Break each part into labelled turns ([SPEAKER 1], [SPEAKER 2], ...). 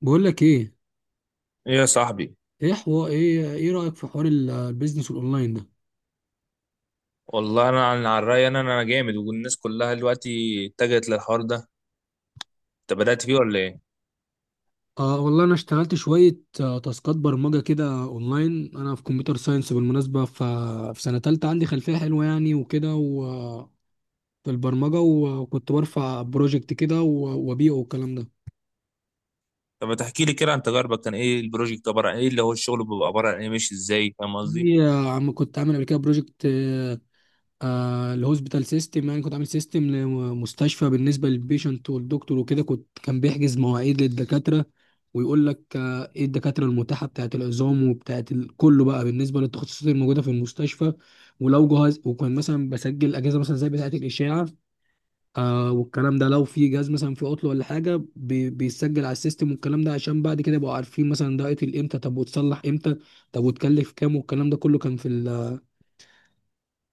[SPEAKER 1] بقول لك ايه؟
[SPEAKER 2] ايه يا صاحبي.
[SPEAKER 1] ايه حوار، ايه رايك في حوار البيزنس الاونلاين ده؟
[SPEAKER 2] والله انا عن على الراي، انا جامد، والناس كلها دلوقتي اتجهت للحوار ده. انت بدأت فيه ولا ايه؟
[SPEAKER 1] والله انا اشتغلت شويه، تاسكات برمجه كده اونلاين. انا في كمبيوتر ساينس بالمناسبه، في سنه تالتة. عندي خلفيه حلوه يعني وكده، في البرمجه، وكنت برفع بروجكت كده وابيعه والكلام ده.
[SPEAKER 2] طب ما تحكي لي كده عن تجاربك، كان ايه البروجكت عباره عن ايه، اللي هو الشغل بيبقى عباره عن ايه، ماشي ازاي؟ فاهم قصدي؟
[SPEAKER 1] في- آه، عم كنت عامل قبل كده بروجكت، الهوسبيتال سيستم. يعني كنت عامل سيستم لمستشفى بالنسبه للبيشنت والدكتور وكده. كان بيحجز مواعيد للدكاتره ويقول لك ايه الدكاتره المتاحه بتاعه العظام وبتاعه كله، بقى بالنسبه للتخصصات الموجوده في المستشفى. ولو جهاز، وكان مثلا بسجل اجهزه مثلا زي بتاعه الاشاعه والكلام ده، لو في جهاز مثلا في عطله ولا حاجه بيسجل على السيستم والكلام ده، عشان بعد كده يبقوا عارفين مثلا ده قتل امتى، طب وتصلح امتى، طب وتكلف كام والكلام ده كله. كان في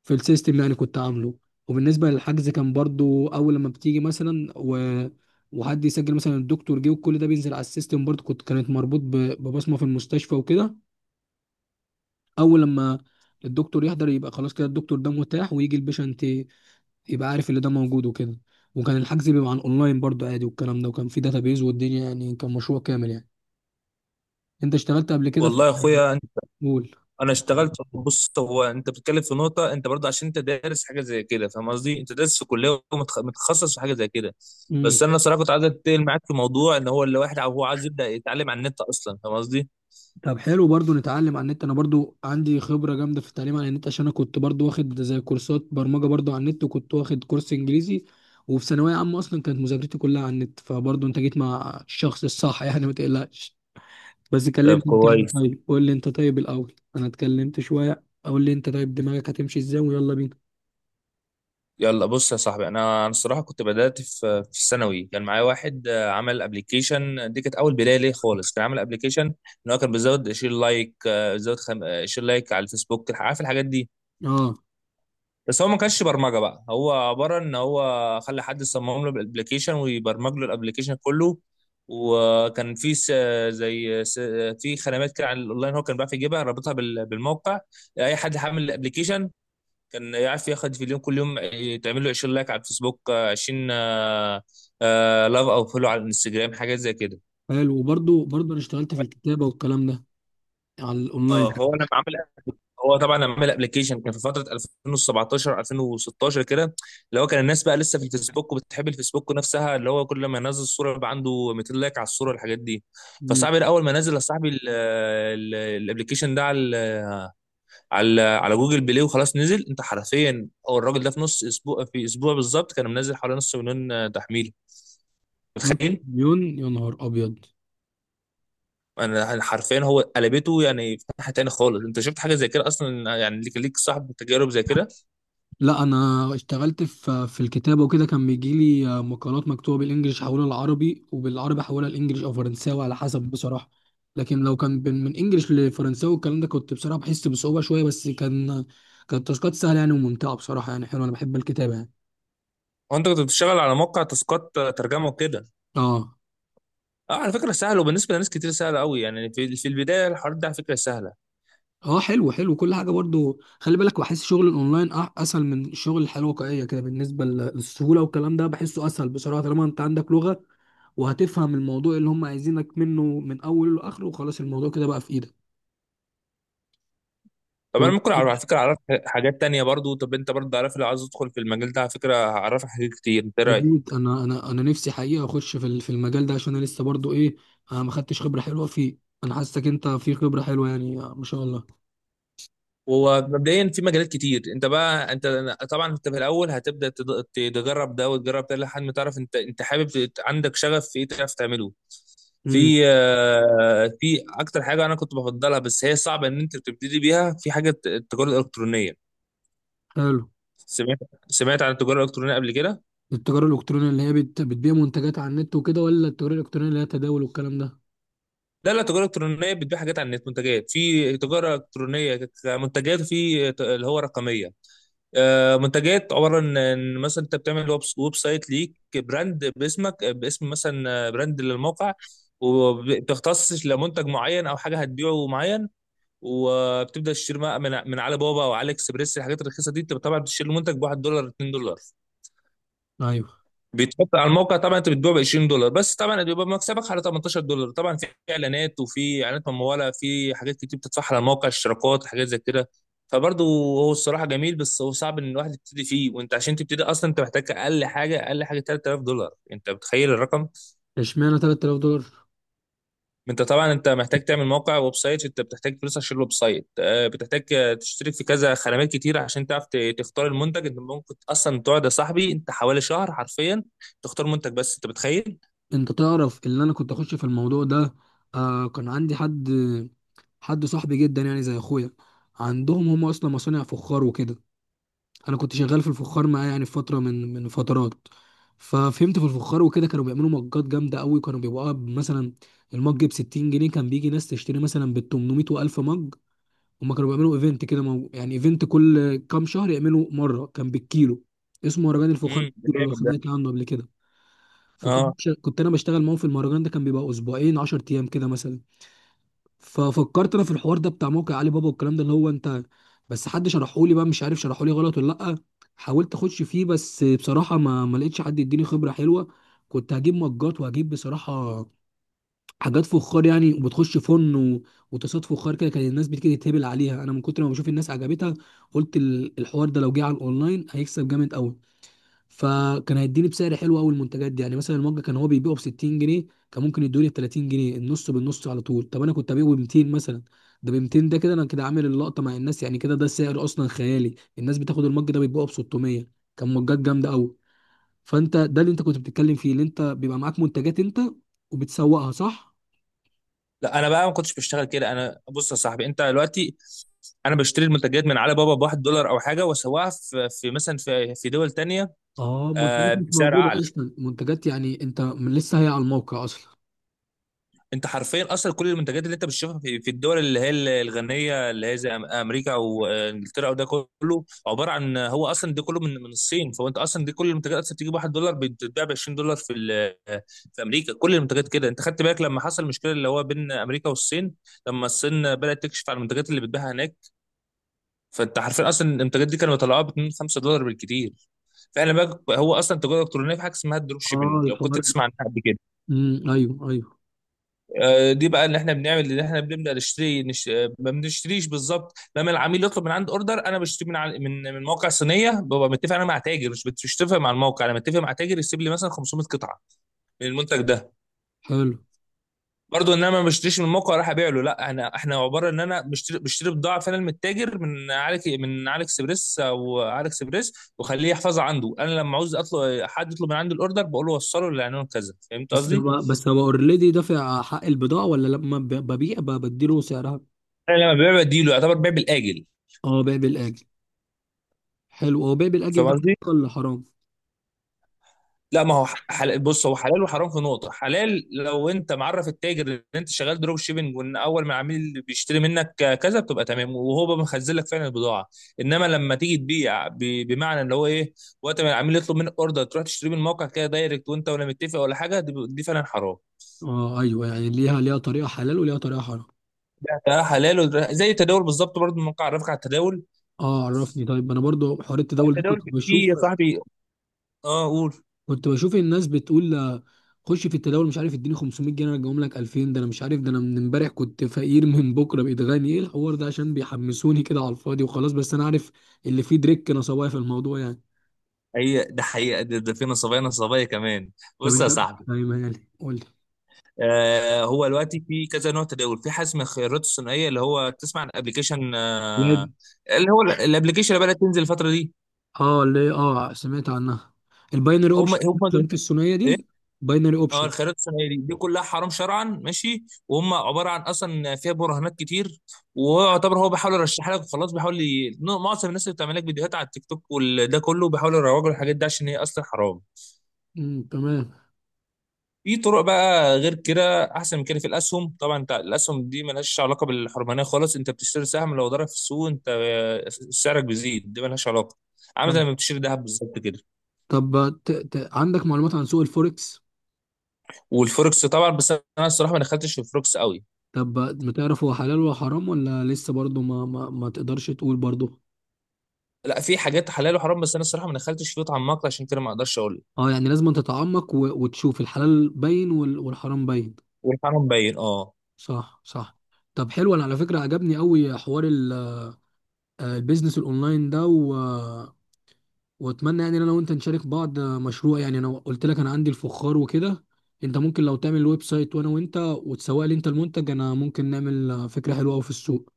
[SPEAKER 1] السيستم اللي انا كنت عامله. وبالنسبه للحجز كان برضو اول لما بتيجي مثلا وحد يسجل مثلا الدكتور جه، وكل ده بينزل على السيستم برضو. كانت مربوط ببصمه في المستشفى وكده. اول لما الدكتور يحضر يبقى خلاص كده الدكتور ده متاح، ويجي البيشنت يبقى عارف اللي ده موجود وكده. وكان الحجز بيبقى عن اونلاين برضو عادي والكلام ده، وكان في داتابيز والدنيا، يعني كان مشروع كامل يعني. انت اشتغلت قبل كده في
[SPEAKER 2] والله يا اخويا، انا اشتغلت. بص، هو انت بتتكلم في نقطه، انت برضه عشان انت دارس حاجه زي كده، فاهم قصدي؟ انت دارس في كليه ومتخصص في حاجه زي كده.
[SPEAKER 1] قول.
[SPEAKER 2] بس انا صراحه كنت عايز اتكلم معاك في موضوع ان هو اللي واحد هو عايز يبدا يتعلم على النت اصلا. فاهم قصدي؟
[SPEAKER 1] طب حلو، برضو نتعلم على النت. انا برضو عندي خبرة جامدة في التعليم على النت، عشان انا كنت برضو واخد زي كورسات برمجة برضو على النت، وكنت واخد كورس انجليزي، وفي ثانوية عامة اصلا كانت مذاكرتي كلها على النت. فبرضو انت جيت مع الشخص الصح يعني، ما تقلقش. بس
[SPEAKER 2] طب
[SPEAKER 1] كلمت انت مين؟
[SPEAKER 2] كويس.
[SPEAKER 1] طيب قول لي انت، طيب الاول انا اتكلمت شوية. قول لي انت، طيب دماغك هتمشي ازاي، ويلا بينا.
[SPEAKER 2] يلا بص يا صاحبي، انا الصراحه كنت بدات في الثانوي. كان معايا واحد عمل ابلكيشن، دي كانت اول بدايه ليه خالص. كان عامل ابلكيشن ان هو كان بيزود شير لايك، آه، بيزود خم... آه، شير لايك على الفيسبوك، عارف الحاجات دي.
[SPEAKER 1] اه،
[SPEAKER 2] بس هو ما كانش برمجه بقى، هو عباره ان هو خلى حد يصمم له الابلكيشن ويبرمج له الابلكيشن كله. وكان في زي س... في خدمات كده على الاونلاين، هو كان بيعرف يجيبها رابطها بالموقع. اي حد حامل الابلكيشن كان يعرف ياخد فيديو كل يوم، تعمل له 20 لايك على الفيسبوك، 20 لاف او فولو على الانستجرام، حاجات زي كده.
[SPEAKER 1] حلو. وبرضو انا اشتغلت في الكتابة والكلام ده على الاونلاين.
[SPEAKER 2] اه، هو لما عمل، هو طبعا لما عمل ابلكيشن كان في فتره 2017 2016 كده. اللي هو كان الناس بقى لسه في الفيسبوك وبتحب الفيسبوك نفسها، اللي هو كل ما ينزل صوره يبقى عنده 200 لايك على الصوره والحاجات دي.
[SPEAKER 1] مم.
[SPEAKER 2] فصاحبي اول ما نزل يا صاحبي الابلكيشن ده على على جوجل بلاي، وخلاص نزل. انت حرفيا، هو الراجل ده في نص اسبوع، في اسبوع بالظبط، كان منزل حوالي نص مليون تحميل.
[SPEAKER 1] نص
[SPEAKER 2] متخيل؟
[SPEAKER 1] مليون؟ يا نهار ابيض.
[SPEAKER 2] انا حرفيا هو قلبته يعني في ناحيه تاني خالص. انت شفت حاجه زي كده اصلا؟ يعني ليك صاحب تجارب زي كده؟
[SPEAKER 1] لا انا اشتغلت في الكتابه وكده. كان بيجي لي مقالات مكتوبه بالانجليش احولها للعربي، وبالعربي احولها لانجليش او فرنساوي على حسب، بصراحه. لكن لو كان من انجليش لفرنساوي والكلام ده، كنت بصراحه بحس بصعوبه شويه، بس كانت تاسكات سهله يعني وممتعه، بصراحه يعني حلوه. انا بحب الكتابه يعني.
[SPEAKER 2] هو انت كنت بتشتغل على موقع تاسكات ترجمه وكده؟
[SPEAKER 1] اه.
[SPEAKER 2] اه، على فكره سهل، وبالنسبه لناس كتير سهل قوي يعني. في البدايه الحوار ده على فكره سهله.
[SPEAKER 1] اه، حلو حلو كل حاجه. برضو خلي بالك، بحس شغل الاونلاين اسهل من الشغل الحياه الواقعيه كده. بالنسبه للسهوله والكلام ده بحسه اسهل بصراحه، طالما انت عندك لغه وهتفهم الموضوع اللي هم عايزينك منه من اوله لاخره، وخلاص الموضوع كده بقى في ايدك.
[SPEAKER 2] طب انا
[SPEAKER 1] وأنا-
[SPEAKER 2] ممكن على فكره اعرف حاجات تانية برضو. طب انت برضو عارف، لو عايز ادخل في المجال ده على فكره هعرفك حاجات كتير. انت إيه رايك؟
[SPEAKER 1] جميل. انا نفسي حقيقه اخش في في المجال ده، عشان انا لسه برضو ايه، انا ما خدتش خبره حلوه فيه. انا حاسسك انت في خبره حلوه يعني، ما شاء الله.
[SPEAKER 2] ومبدئيا في مجالات كتير. انت بقى انت طبعا انت في الاول هتبدا تجرب ده وتجرب ده لحد ما تعرف انت، انت حابب عندك شغف في ايه تعرف تعمله.
[SPEAKER 1] امم
[SPEAKER 2] في في اكتر حاجه انا كنت بفضلها، بس هي صعبه ان انت تبتدي بيها، في حاجه التجاره الالكترونيه.
[SPEAKER 1] حلو.
[SPEAKER 2] سمعت سمعت عن التجاره الالكترونيه قبل كده؟
[SPEAKER 1] التجاره الالكترونيه اللي هي بتبيع منتجات على النت وكده، ولا التجاره الالكترونيه اللي هي تداول والكلام ده؟
[SPEAKER 2] لا لا، التجاره الالكترونيه بتبيع حاجات على النت، منتجات. في تجاره الكترونيه كمنتجات، وفي اللي هو رقميه. منتجات عباره عن إن مثلا انت بتعمل ويب سايت ليك، براند باسمك، باسم مثلا، براند للموقع، وبتختص لمنتج معين او حاجه هتبيعه معين. وبتبدا تشتري بقى من علي بابا او علي اكسبريس الحاجات الرخيصه دي. انت طبعا بتشتري المنتج ب $1، $2،
[SPEAKER 1] ايوه.
[SPEAKER 2] بيتحط على الموقع. طبعا انت بتبيع ب $20، بس طبعا بيبقى مكسبك على $18. طبعا في اعلانات، وفي اعلانات مموله، في حاجات كتير بتدفعها على الموقع، اشتراكات، حاجات زي كده. فبرضه هو الصراحه جميل، بس هو صعب ان الواحد يبتدي فيه. وانت عشان تبتدي اصلا انت محتاج اقل حاجه، اقل حاجه $3000. انت متخيل الرقم؟
[SPEAKER 1] اشمعنى 3000 دولار؟
[SPEAKER 2] انت طبعا انت محتاج تعمل موقع ويب سايت، انت بتحتاج فلوس عشان الويب سايت، بتحتاج تشترك في كذا خدمات كتير عشان تعرف تختار المنتج. انت ممكن اصلا تقعد يا صاحبي انت حوالي شهر حرفيا تختار منتج، بس انت متخيل؟
[SPEAKER 1] انت تعرف اللي انا كنت اخش في الموضوع ده؟ آه، كان عندي حد، حد صاحبي جدا يعني زي اخويا. عندهم هم اصلا مصانع فخار وكده. انا كنت شغال في الفخار معاه يعني في فتره من فترات. ففهمت في الفخار وكده. كانوا بيعملوا مجات جامده قوي. كانوا بيبقوا مثلا المج ب 60 جنيه، كان بيجي ناس تشتري مثلا بال 800 و1000 مج. هم كانوا بيعملوا ايفنت كده، يعني ايفنت كل كام شهر يعملوا مره، كان بالكيلو. اسمه مهرجان الفخار
[SPEAKER 2] ده
[SPEAKER 1] بالكيلو، لو
[SPEAKER 2] جامد ده.
[SPEAKER 1] سمعت عنه قبل كده.
[SPEAKER 2] اه.
[SPEAKER 1] كنت انا بشتغل معاهم في المهرجان ده، كان بيبقى اسبوعين 10 ايام كده مثلا. ففكرت انا في الحوار ده بتاع موقع علي بابا والكلام ده، اللي هو انت، بس حد شرحولي بقى، مش عارف شرحولي غلط ولا لا. حاولت اخش فيه بس بصراحه ما لقيتش حد يديني خبره حلوه. كنت هجيب مجات وهجيب بصراحه حاجات فخار يعني. وبتخش فن وتصاد فخار كده، كان الناس بتيجي تتهبل عليها، انا من كتر ما بشوف الناس عجبتها، قلت الحوار ده لو جه على الاونلاين هيكسب جامد قوي. فكان هيديني بسعر حلو قوي المنتجات دي، يعني مثلا المج كان هو بيبيعه ب 60 جنيه، كان ممكن يدوني ب 30 جنيه، النص بالنص على طول. طب انا كنت ابيعه ب 200 مثلا. ده ب 200 ده كده انا كده عامل اللقطه مع الناس، يعني كده ده سعر اصلا خيالي. الناس بتاخد المج ده بيبيعه ب 600، كان مجات جامده قوي. فانت ده اللي انت كنت بتتكلم فيه، اللي انت بيبقى معاك منتجات انت وبتسوقها صح؟
[SPEAKER 2] لا، انا بقى ما كنتش بشتغل كده. انا بص يا صاحبي، انت دلوقتي، انا بشتري المنتجات من علي بابا بواحد دولار او حاجه، واسواها في مثلا في دول تانية.
[SPEAKER 1] اه، منتجات مش
[SPEAKER 2] بسعر
[SPEAKER 1] موجوده
[SPEAKER 2] اعلى.
[SPEAKER 1] اصلا، منتجات يعني انت، من لسه هي على الموقع اصلا.
[SPEAKER 2] انت حرفيا اصلا كل المنتجات اللي انت بتشوفها في الدول اللي هي الغنيه، اللي هي زي امريكا وانجلترا وده، كله عباره عن، هو اصلا ده كله من الصين. فانت اصلا دي كل المنتجات اصلا بتيجي ب $1 بتتباع ب $20 في امريكا. كل المنتجات كده. انت خدت بالك لما حصل المشكله اللي هو بين امريكا والصين، لما الصين بدات تكشف على المنتجات اللي بتباعها هناك؟ فانت حرفيا اصلا المنتجات دي كانوا بيطلعوها ب 2 $5 بالكتير. فاحنا بقى، هو اصلا التجاره الالكترونيه في حاجه اسمها الدروب
[SPEAKER 1] اه
[SPEAKER 2] شيبنج، لو كنت
[SPEAKER 1] الحوار
[SPEAKER 2] تسمع
[SPEAKER 1] ده.
[SPEAKER 2] عنها قبل كده.
[SPEAKER 1] امم، ايوه، ايوه.
[SPEAKER 2] دي بقى اللي احنا بنعمل، اللي احنا بنبدا نشتري نش... آه، ما بنشتريش بالظبط. لما العميل يطلب من عند اوردر، انا بشتري من من موقع صينيه. ببقى متفق انا مع تاجر، مش مش متفق مع الموقع. انا متفق مع تاجر يسيب لي مثلا 500 قطعه من المنتج ده.
[SPEAKER 1] حلو.
[SPEAKER 2] برضو ان انا ما بشتريش من الموقع راح ابيع له، لا. انا احنا عباره ان انا بشتري بضاعه فعلا من التاجر، من عليك، من عليك اكسبريس او عليك اكسبريس، واخليه يحفظها عنده. انا لما عاوز اطلب، حد يطلب من عندي الاوردر، بقول له وصله للعنوان كذا. فهمت
[SPEAKER 1] بس
[SPEAKER 2] قصدي؟
[SPEAKER 1] هو بس هو اوريدي دافع حق البضاعة، ولا لما ببيع بديله سعرها؟
[SPEAKER 2] انا لما ببيع بديله، يعتبر بيع بالاجل.
[SPEAKER 1] اه، بيع بالآجل. حلو، هو بيع بالآجل
[SPEAKER 2] فاهم
[SPEAKER 1] ده حلال
[SPEAKER 2] قصدي؟
[SPEAKER 1] ولا حرام؟
[SPEAKER 2] لا، ما هو حلال. بص، هو حلال وحرام في نقطة. حلال لو انت معرف التاجر ان انت شغال دروب شيبنج، وان اول ما العميل اللي بيشتري منك كذا بتبقى تمام، وهو بقى مخزن لك فعلا البضاعة. انما لما تيجي تبيع بمعنى اللي هو ايه، وقت ما العميل يطلب منك اوردر تروح تشتري من الموقع كده دايركت، وانت ولا متفق ولا حاجة، دي فعلا حرام.
[SPEAKER 1] اه ايوه، يعني ليها طريقة حلال وليها طريقة حرام.
[SPEAKER 2] ده حلال. زي التداول بالظبط برضه. الموقع عرفك على التداول؟
[SPEAKER 1] اه عرفني. طيب انا برضو حوار التداول ده
[SPEAKER 2] التداول
[SPEAKER 1] كنت
[SPEAKER 2] في يا
[SPEAKER 1] بشوف،
[SPEAKER 2] صاحبي. اه قول.
[SPEAKER 1] كنت بشوف الناس بتقول، خش في التداول، مش عارف، اديني 500 جنيه ارجعهم لك 2000. ده انا مش عارف، ده انا من امبارح كنت فقير من بكره بقيت غني، ايه الحوار ده؟ عشان بيحمسوني كده على الفاضي وخلاص. بس انا عارف اللي فيه دريك نصوايا في الموضوع يعني.
[SPEAKER 2] هي ده حقيقة، ده في نصابية، نصابية كمان.
[SPEAKER 1] طب
[SPEAKER 2] بص يا
[SPEAKER 1] انت
[SPEAKER 2] صاحبي،
[SPEAKER 1] فاهم يعني، قول لي.
[SPEAKER 2] هو دلوقتي في كذا نوع تداول. في حجم الخيارات الثنائيه، اللي هو تسمع عن ابلكيشن،
[SPEAKER 1] لا،
[SPEAKER 2] اللي هو الابلكيشن اللي بدات تنزل الفتره دي.
[SPEAKER 1] اه، اه سمعت عنها. الباينري
[SPEAKER 2] هم
[SPEAKER 1] اوبشن،
[SPEAKER 2] هم دول.
[SPEAKER 1] الخليط الثنائيه
[SPEAKER 2] إيه؟
[SPEAKER 1] دي. باينري
[SPEAKER 2] اه،
[SPEAKER 1] اوبشن.
[SPEAKER 2] الخيارات الثنائيه دي، كلها حرام شرعا، ماشي. وهم عباره عن اصلا فيها براهنات كتير، ويعتبر هو بيحاول يرشح لك وخلاص، بيحاول معظم الناس اللي بتعمل لك فيديوهات على التيك توك وده كله بيحاولوا يروجوا الحاجات دي عشان هي اصلا حرام.
[SPEAKER 1] تمام.
[SPEAKER 2] في طرق بقى غير كده احسن من كده، في الاسهم طبعا، انت الاسهم دي ملهاش علاقه بالحرمانيه خالص. انت بتشتري سهم، لو ضرب في السوق انت سعرك بيزيد، دي ملهاش علاقه. عامل زي
[SPEAKER 1] فاهم.
[SPEAKER 2] ما بتشتري ذهب بالظبط كده.
[SPEAKER 1] طب عندك معلومات عن سوق الفوركس؟
[SPEAKER 2] والفوركس طبعا، بس انا الصراحه ما دخلتش في الفوركس قوي.
[SPEAKER 1] طب ما تعرف هو حلال ولا حرام، ولا لسه برضه ما تقدرش تقول برضه؟
[SPEAKER 2] لا، في حاجات حلال وحرام، بس انا الصراحه ما دخلتش فيه اتعمقت، عشان كده ما اقدرش اقول لك.
[SPEAKER 1] اه، يعني لازم تتعمق وتشوف الحلال باين والحرام باين.
[SPEAKER 2] والحرام باين، اه.
[SPEAKER 1] صح، صح. طب حلو، انا على فكره عجبني قوي حوار ال... آه، البيزنس الاونلاين ده. واتمنى يعني ان انا وانت نشارك بعض مشروع، يعني انا قلت لك انا عندي الفخار وكده. انت ممكن لو تعمل ويب سايت، وانا وانت وتسوق لي انت المنتج، انا ممكن نعمل فكرة حلوة قوي في السوق.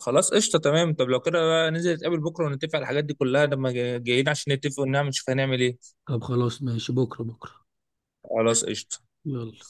[SPEAKER 2] خلاص قشطه تمام. طب لو كده بقى ننزل نتقابل بكره ونتفق على الحاجات دي كلها، لما جايين عشان نتفق ونعمل نشوف هنعمل ايه.
[SPEAKER 1] طب خلاص، ماشي، بكرة بكرة.
[SPEAKER 2] خلاص قشطه.
[SPEAKER 1] يلا.